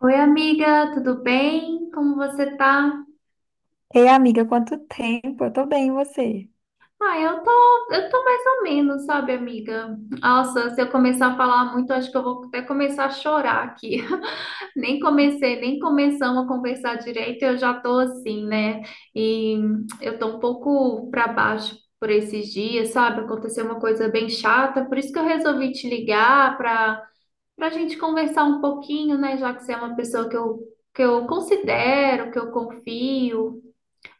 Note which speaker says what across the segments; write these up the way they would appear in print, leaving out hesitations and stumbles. Speaker 1: Oi, amiga, tudo bem? Como você tá?
Speaker 2: Ei, amiga, quanto tempo? Eu tô bem, e você?
Speaker 1: Ah, eu tô, eu tô mais ou menos, sabe, amiga? Nossa, se eu começar a falar muito, acho que eu vou até começar a chorar aqui. Nem comecei, nem começamos a conversar direito, eu já tô assim, né? E eu tô um pouco pra baixo por esses dias, sabe? Aconteceu uma coisa bem chata, por isso que eu resolvi te ligar pra gente conversar um pouquinho, né? Já que você é uma pessoa que eu considero, que eu confio.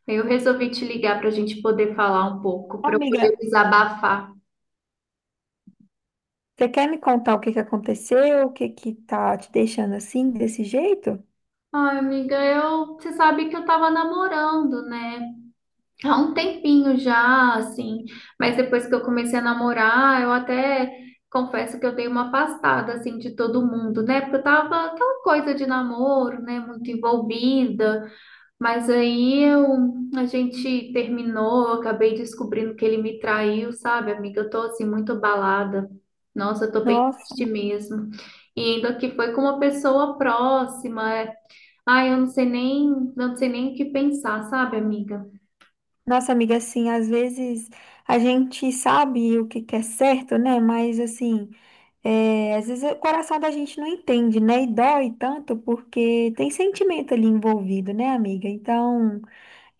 Speaker 1: Eu resolvi te ligar para a gente poder falar um pouco, para eu poder
Speaker 2: Amiga,
Speaker 1: desabafar.
Speaker 2: você quer me contar o que que aconteceu? O que que tá te deixando assim, desse jeito?
Speaker 1: Ai, amiga, eu, você sabe que eu tava namorando, né? Há um tempinho já, assim, mas depois que eu comecei a namorar, eu até confesso que eu dei uma afastada, assim, de todo mundo, né? Porque eu tava aquela coisa de namoro, né? Muito envolvida. Mas aí eu, a gente terminou, eu acabei descobrindo que ele me traiu, sabe, amiga? Eu tô assim muito abalada. Nossa, eu tô bem
Speaker 2: Nossa.
Speaker 1: triste mesmo. E ainda que foi com uma pessoa próxima. Ai, eu não sei nem, não sei nem o que pensar, sabe, amiga?
Speaker 2: Nossa, amiga, assim, às vezes a gente sabe o que que é certo, né? Mas, assim, às vezes o coração da gente não entende, né? E dói tanto porque tem sentimento ali envolvido, né, amiga? Então,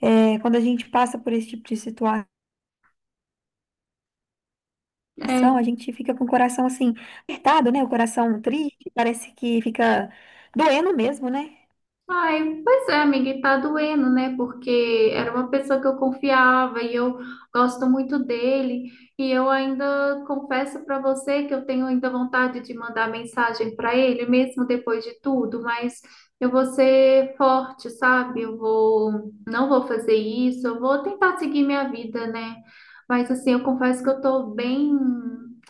Speaker 2: quando a gente passa por esse tipo de situação,
Speaker 1: É.
Speaker 2: a gente fica com o coração, assim, apertado, né? O coração triste, parece que fica doendo mesmo, né?
Speaker 1: Ai, pois é, amiga, e tá doendo, né? Porque era uma pessoa que eu confiava e eu gosto muito dele. E eu ainda confesso para você que eu tenho ainda vontade de mandar mensagem para ele, mesmo depois de tudo, mas eu vou ser forte, sabe? Não vou fazer isso, eu vou tentar seguir minha vida, né? Mas assim, eu confesso que eu tô bem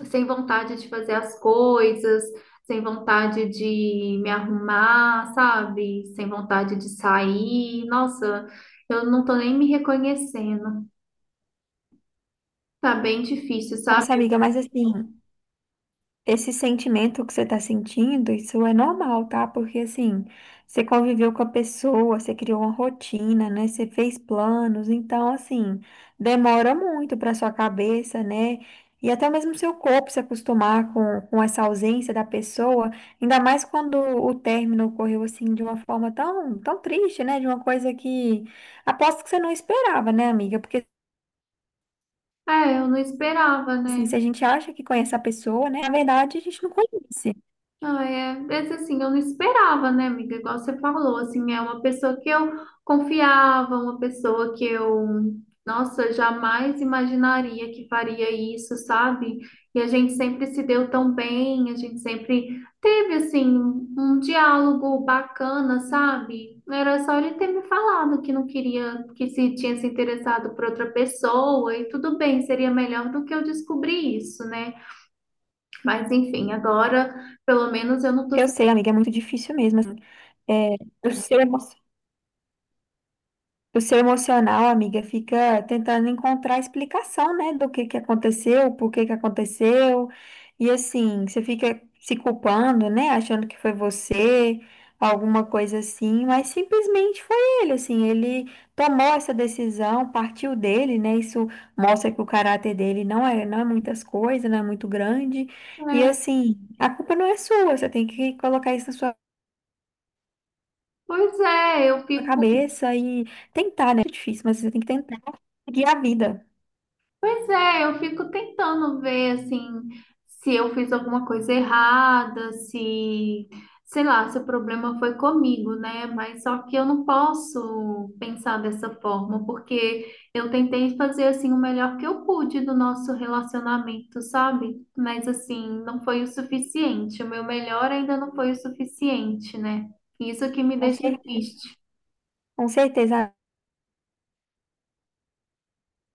Speaker 1: sem vontade de fazer as coisas, sem vontade de me arrumar, sabe? Sem vontade de sair. Nossa, eu não tô nem me reconhecendo. Tá bem difícil, sabe?
Speaker 2: Nossa, amiga, mas, assim. Esse sentimento que você está sentindo, isso é normal, tá? Porque assim, você conviveu com a pessoa, você criou uma rotina, né? Você fez planos, então assim, demora muito para sua cabeça, né? E até mesmo seu corpo se acostumar com essa ausência da pessoa, ainda mais quando o término ocorreu assim de uma forma tão triste, né? De uma coisa que aposto que você não esperava, né, amiga? Porque
Speaker 1: É, eu não esperava,
Speaker 2: assim,
Speaker 1: né?
Speaker 2: se a gente acha que conhece a pessoa, né? Na verdade, a gente não conhece.
Speaker 1: Ah, é, mas assim, eu não esperava, né, amiga? Igual você falou, assim, é uma pessoa que eu confiava, uma pessoa, nossa, jamais imaginaria que faria isso, sabe? E a gente sempre se deu tão bem, a gente sempre teve, assim, um diálogo bacana, sabe? Era só ele ter me falado que não queria, que se tinha se interessado por outra pessoa, e tudo bem, seria melhor do que eu descobrir isso, né? Mas enfim, agora. Pelo menos eu não tô.
Speaker 2: Eu sei, amiga, é muito difícil mesmo. Assim. É, o seu emo- o seu emocional, amiga, fica tentando encontrar explicação, né, do que aconteceu, por que que aconteceu. E assim, você fica se culpando, né, achando que foi você, alguma coisa assim, mas simplesmente foi ele, assim, ele tomou essa decisão, partiu dele, né? Isso mostra que o caráter dele não é muitas coisas, não é muito grande. E
Speaker 1: É,
Speaker 2: assim, a culpa não é sua, você tem que colocar isso na sua
Speaker 1: pois é, eu
Speaker 2: a
Speaker 1: fico,
Speaker 2: cabeça e tentar, né? É difícil, mas você tem que tentar seguir a vida.
Speaker 1: pois é, eu fico tentando ver assim se eu fiz alguma coisa errada, se, sei lá, se o problema foi comigo, né? Mas só que eu não posso pensar dessa forma, porque eu tentei fazer assim o melhor que eu pude do nosso relacionamento, sabe? Mas assim, não foi o suficiente. O meu melhor ainda não foi o suficiente, né? Isso que me
Speaker 2: Com
Speaker 1: deixa
Speaker 2: certeza.
Speaker 1: triste.
Speaker 2: Com certeza.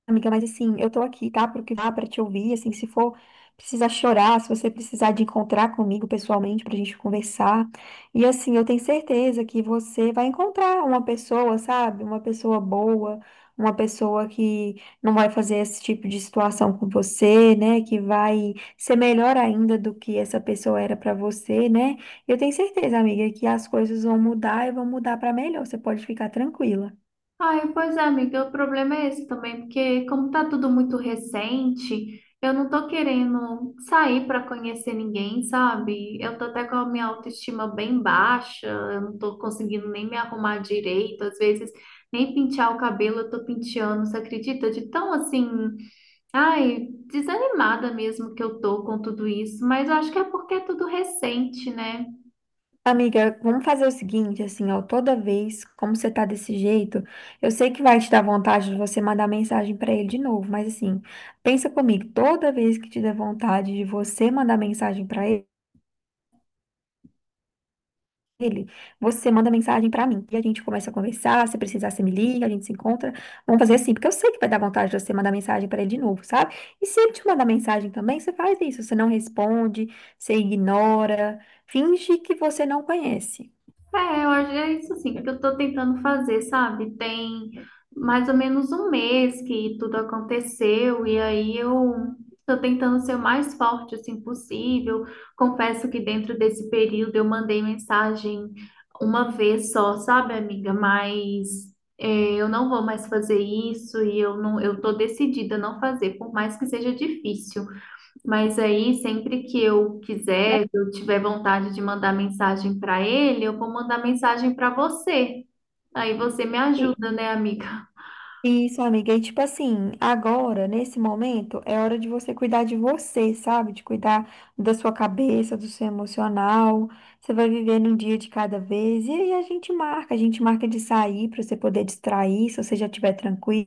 Speaker 2: Amiga, mas assim, eu tô aqui, tá? Pro que dá pra te ouvir, assim, se for precisar chorar, se você precisar de encontrar comigo pessoalmente pra gente conversar. E assim, eu tenho certeza que você vai encontrar uma pessoa, sabe? Uma pessoa boa, uma pessoa que não vai fazer esse tipo de situação com você, né? Que vai ser melhor ainda do que essa pessoa era pra você, né? Eu tenho certeza, amiga, que as coisas vão mudar e vão mudar pra melhor. Você pode ficar tranquila.
Speaker 1: Ai, pois é, amiga, o problema é esse também, porque como tá tudo muito recente, eu não tô querendo sair para conhecer ninguém, sabe? Eu tô até com a minha autoestima bem baixa, eu não tô conseguindo nem me arrumar direito, às vezes nem pentear o cabelo eu tô penteando, você acredita? De tão assim, ai, desanimada mesmo que eu tô com tudo isso, mas eu acho que é porque é tudo recente, né?
Speaker 2: Amiga, vamos fazer o seguinte, assim, ó, toda vez, como você tá desse jeito, eu sei que vai te dar vontade de você mandar mensagem pra ele de novo, mas assim, pensa comigo, toda vez que te der vontade de você mandar mensagem pra ele, você manda mensagem pra mim e a gente começa a conversar, se precisar você me liga, a gente se encontra. Vamos fazer assim, porque eu sei que vai dar vontade de você mandar mensagem pra ele de novo, sabe? E se ele te mandar mensagem também, você faz isso, você não responde, você ignora, finge que você não conhece.
Speaker 1: É, eu acho que é isso assim que eu tô tentando fazer, sabe? Tem mais ou menos um mês que tudo aconteceu e aí eu tô tentando ser o mais forte assim possível. Confesso que dentro desse período eu mandei mensagem uma vez só, sabe, amiga? Mas é, eu não vou mais fazer isso e eu tô decidida a não fazer, por mais que seja difícil. Mas aí, sempre que eu
Speaker 2: Né?
Speaker 1: quiser, que eu tiver vontade de mandar mensagem para ele, eu vou mandar mensagem para você. Aí você me ajuda, né, amiga?
Speaker 2: Isso, amiga. E tipo assim, agora, nesse momento, é hora de você cuidar de você, sabe? De cuidar da sua cabeça, do seu emocional. Você vai vivendo um dia de cada vez. E aí a gente marca de sair para você poder distrair, se você já estiver tranquila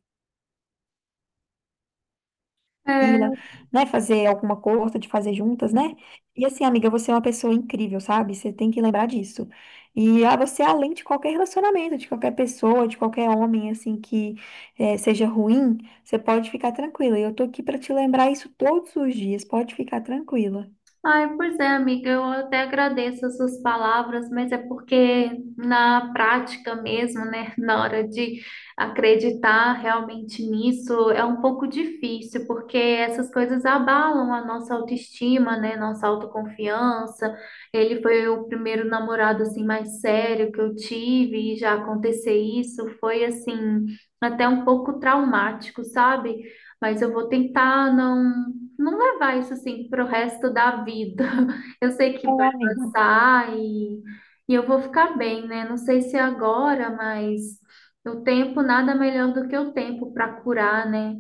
Speaker 2: mochila,
Speaker 1: É.
Speaker 2: né? Fazer alguma coisa, de fazer juntas, né? E assim, amiga, você é uma pessoa incrível, sabe? Você tem que lembrar disso. E você, é além de qualquer relacionamento, de qualquer pessoa, de qualquer homem, assim, que seja ruim, você pode ficar tranquila. E eu tô aqui pra te lembrar isso todos os dias, pode ficar tranquila.
Speaker 1: Ai, pois é, amiga, eu até agradeço as suas palavras, mas é porque na prática mesmo, né, na hora de acreditar realmente nisso, é um pouco difícil, porque essas coisas abalam a nossa autoestima, né, nossa autoconfiança. Ele foi o primeiro namorado assim mais sério que eu tive e já acontecer isso foi assim até um pouco traumático, sabe? Mas eu vou tentar não levar isso assim pro resto da vida. Eu sei que
Speaker 2: É,
Speaker 1: vai
Speaker 2: amiga.
Speaker 1: passar e eu vou ficar bem, né? Não sei se agora, mas o tempo, nada melhor do que o tempo para curar, né?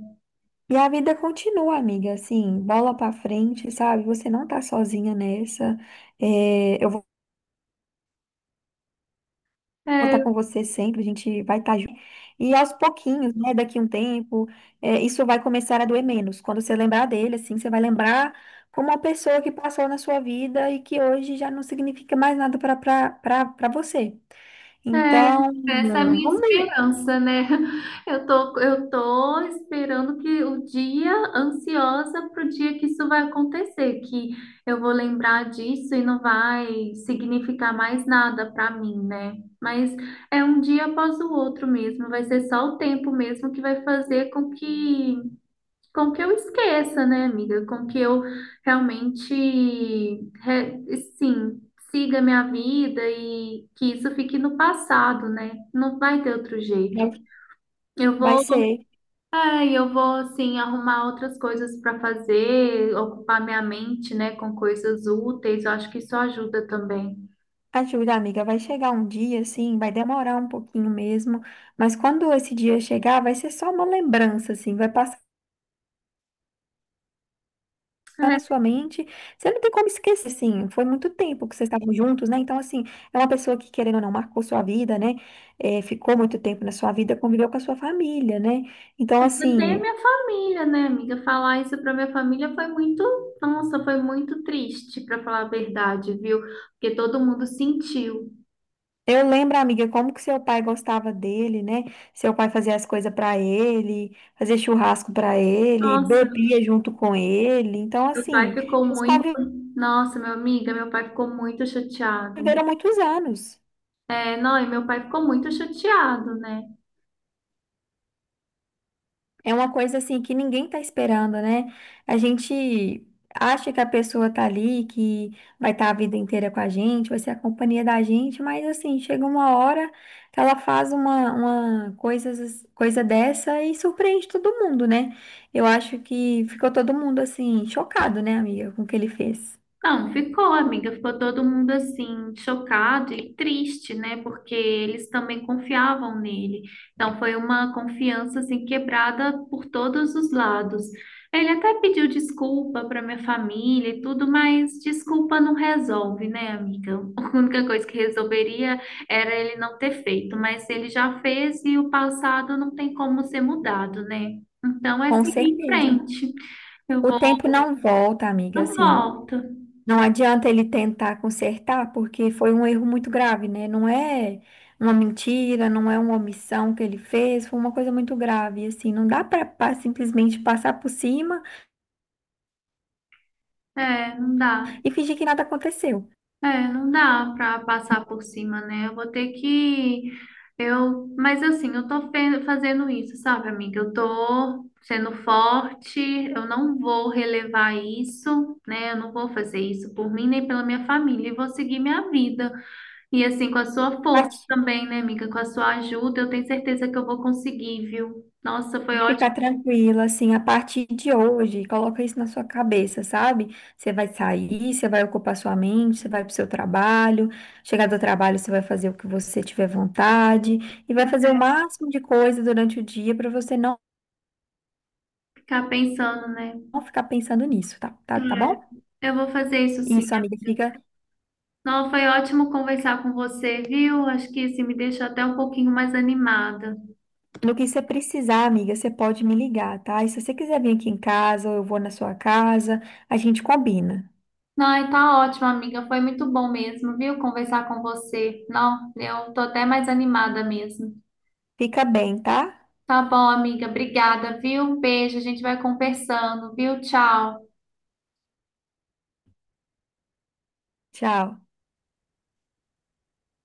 Speaker 2: E a vida continua, amiga, assim, bola pra frente, sabe? Você não tá sozinha nessa. É, eu vou
Speaker 1: É,
Speaker 2: estar com você sempre, a gente vai estar junto. E aos pouquinhos, né, daqui um tempo, isso vai começar a doer menos. Quando você lembrar dele, assim, você vai lembrar como uma pessoa que passou na sua vida e que hoje já não significa mais nada para você.
Speaker 1: é,
Speaker 2: Então,
Speaker 1: essa é a minha
Speaker 2: vamos aí.
Speaker 1: esperança, né? Eu tô esperando que o dia, ansiosa pro dia que isso vai acontecer, que eu vou lembrar disso e não vai significar mais nada para mim, né? Mas é um dia após o outro mesmo, vai ser só o tempo mesmo que vai fazer com que eu esqueça, né, amiga? Com que eu realmente, re- sim, siga minha vida e que isso fique no passado, né? Não vai ter outro jeito.
Speaker 2: Vai
Speaker 1: Eu
Speaker 2: vai
Speaker 1: vou,
Speaker 2: ser.
Speaker 1: eu vou, assim, arrumar outras coisas para fazer, ocupar minha mente, né, com coisas úteis. Eu acho que isso ajuda também.
Speaker 2: Ajuda, amiga, vai chegar um dia, assim, vai demorar um pouquinho mesmo, mas quando esse dia chegar, vai ser só uma lembrança, assim, vai passar. Tá na
Speaker 1: É,
Speaker 2: sua mente. Você não tem como esquecer, assim, foi muito tempo que vocês estavam juntos, né? Então, assim, é uma pessoa que, querendo ou não, marcou sua vida, né? É, ficou muito tempo na sua vida, conviveu com a sua família, né? Então,
Speaker 1: ainda tem a
Speaker 2: assim,
Speaker 1: minha família, né, amiga? Falar isso para minha família foi muito, nossa, foi muito triste, para falar a verdade, viu? Porque todo mundo sentiu.
Speaker 2: eu lembro, amiga, como que seu pai gostava dele, né? Seu pai fazia as coisas pra ele, fazia churrasco pra ele,
Speaker 1: Nossa,
Speaker 2: bebia junto com ele. Então,
Speaker 1: meu pai
Speaker 2: assim,
Speaker 1: ficou
Speaker 2: eles
Speaker 1: muito.
Speaker 2: conviveram
Speaker 1: Nossa, meu amiga, meu pai ficou muito chateado.
Speaker 2: muitos anos.
Speaker 1: É, não, e meu pai ficou muito chateado, né?
Speaker 2: É uma coisa assim que ninguém tá esperando, né? A gente acha que a pessoa tá ali, que vai estar a vida inteira com a gente, vai ser a companhia da gente, mas assim, chega uma hora que ela faz uma coisa dessa e surpreende todo mundo, né? Eu acho que ficou todo mundo assim, chocado, né, amiga, com o que ele fez.
Speaker 1: Não, ficou, amiga. Ficou todo mundo assim, chocado e triste, né? Porque eles também confiavam nele. Então foi uma confiança assim quebrada por todos os lados. Ele até pediu desculpa para minha família e tudo, mas desculpa não resolve, né, amiga? A única coisa que resolveria era ele não ter feito, mas ele já fez e o passado não tem como ser mudado, né? Então é
Speaker 2: Com
Speaker 1: seguir em
Speaker 2: certeza.
Speaker 1: frente. Eu
Speaker 2: O
Speaker 1: vou,
Speaker 2: tempo não volta, amiga,
Speaker 1: não
Speaker 2: assim.
Speaker 1: volto.
Speaker 2: Não adianta ele tentar consertar, porque foi um erro muito grave, né? Não é uma mentira, não é uma omissão que ele fez, foi uma coisa muito grave, assim, não dá para simplesmente passar por cima
Speaker 1: É, não dá.
Speaker 2: e fingir que nada aconteceu.
Speaker 1: É, não dá para passar por cima, né? Eu vou ter que eu, mas assim, eu tô fazendo isso, sabe, amiga? Eu tô sendo forte, eu não vou relevar isso, né? Eu não vou fazer isso por mim nem pela minha família, e vou seguir minha vida. E assim, com a sua
Speaker 2: A
Speaker 1: força
Speaker 2: parte
Speaker 1: também, né, amiga? Com a sua ajuda, eu tenho certeza que eu vou conseguir, viu? Nossa, foi
Speaker 2: de ficar
Speaker 1: ótimo
Speaker 2: tranquila, assim, a partir de hoje, coloca isso na sua cabeça, sabe? Você vai sair, você vai ocupar sua mente, você vai pro seu trabalho, chegar do trabalho, você vai fazer o que você tiver vontade e vai fazer o máximo de coisa durante o dia para você não
Speaker 1: ficar pensando, né?
Speaker 2: não ficar pensando nisso, tá? Tá bom?
Speaker 1: É. Eu vou fazer isso sim.
Speaker 2: Isso, amiga, fica
Speaker 1: Não, foi ótimo conversar com você, viu? Acho que isso me deixou até um pouquinho mais animada.
Speaker 2: no que você precisar, amiga, você pode me ligar, tá? E se você quiser vir aqui em casa, ou eu vou na sua casa, a gente combina.
Speaker 1: Não, e tá ótimo, amiga. Foi muito bom mesmo, viu? Conversar com você. Não, eu tô até mais animada mesmo.
Speaker 2: Fica bem, tá?
Speaker 1: Tá bom, amiga. Obrigada, viu? Um beijo. A gente vai conversando, viu? Tchau.
Speaker 2: Tchau.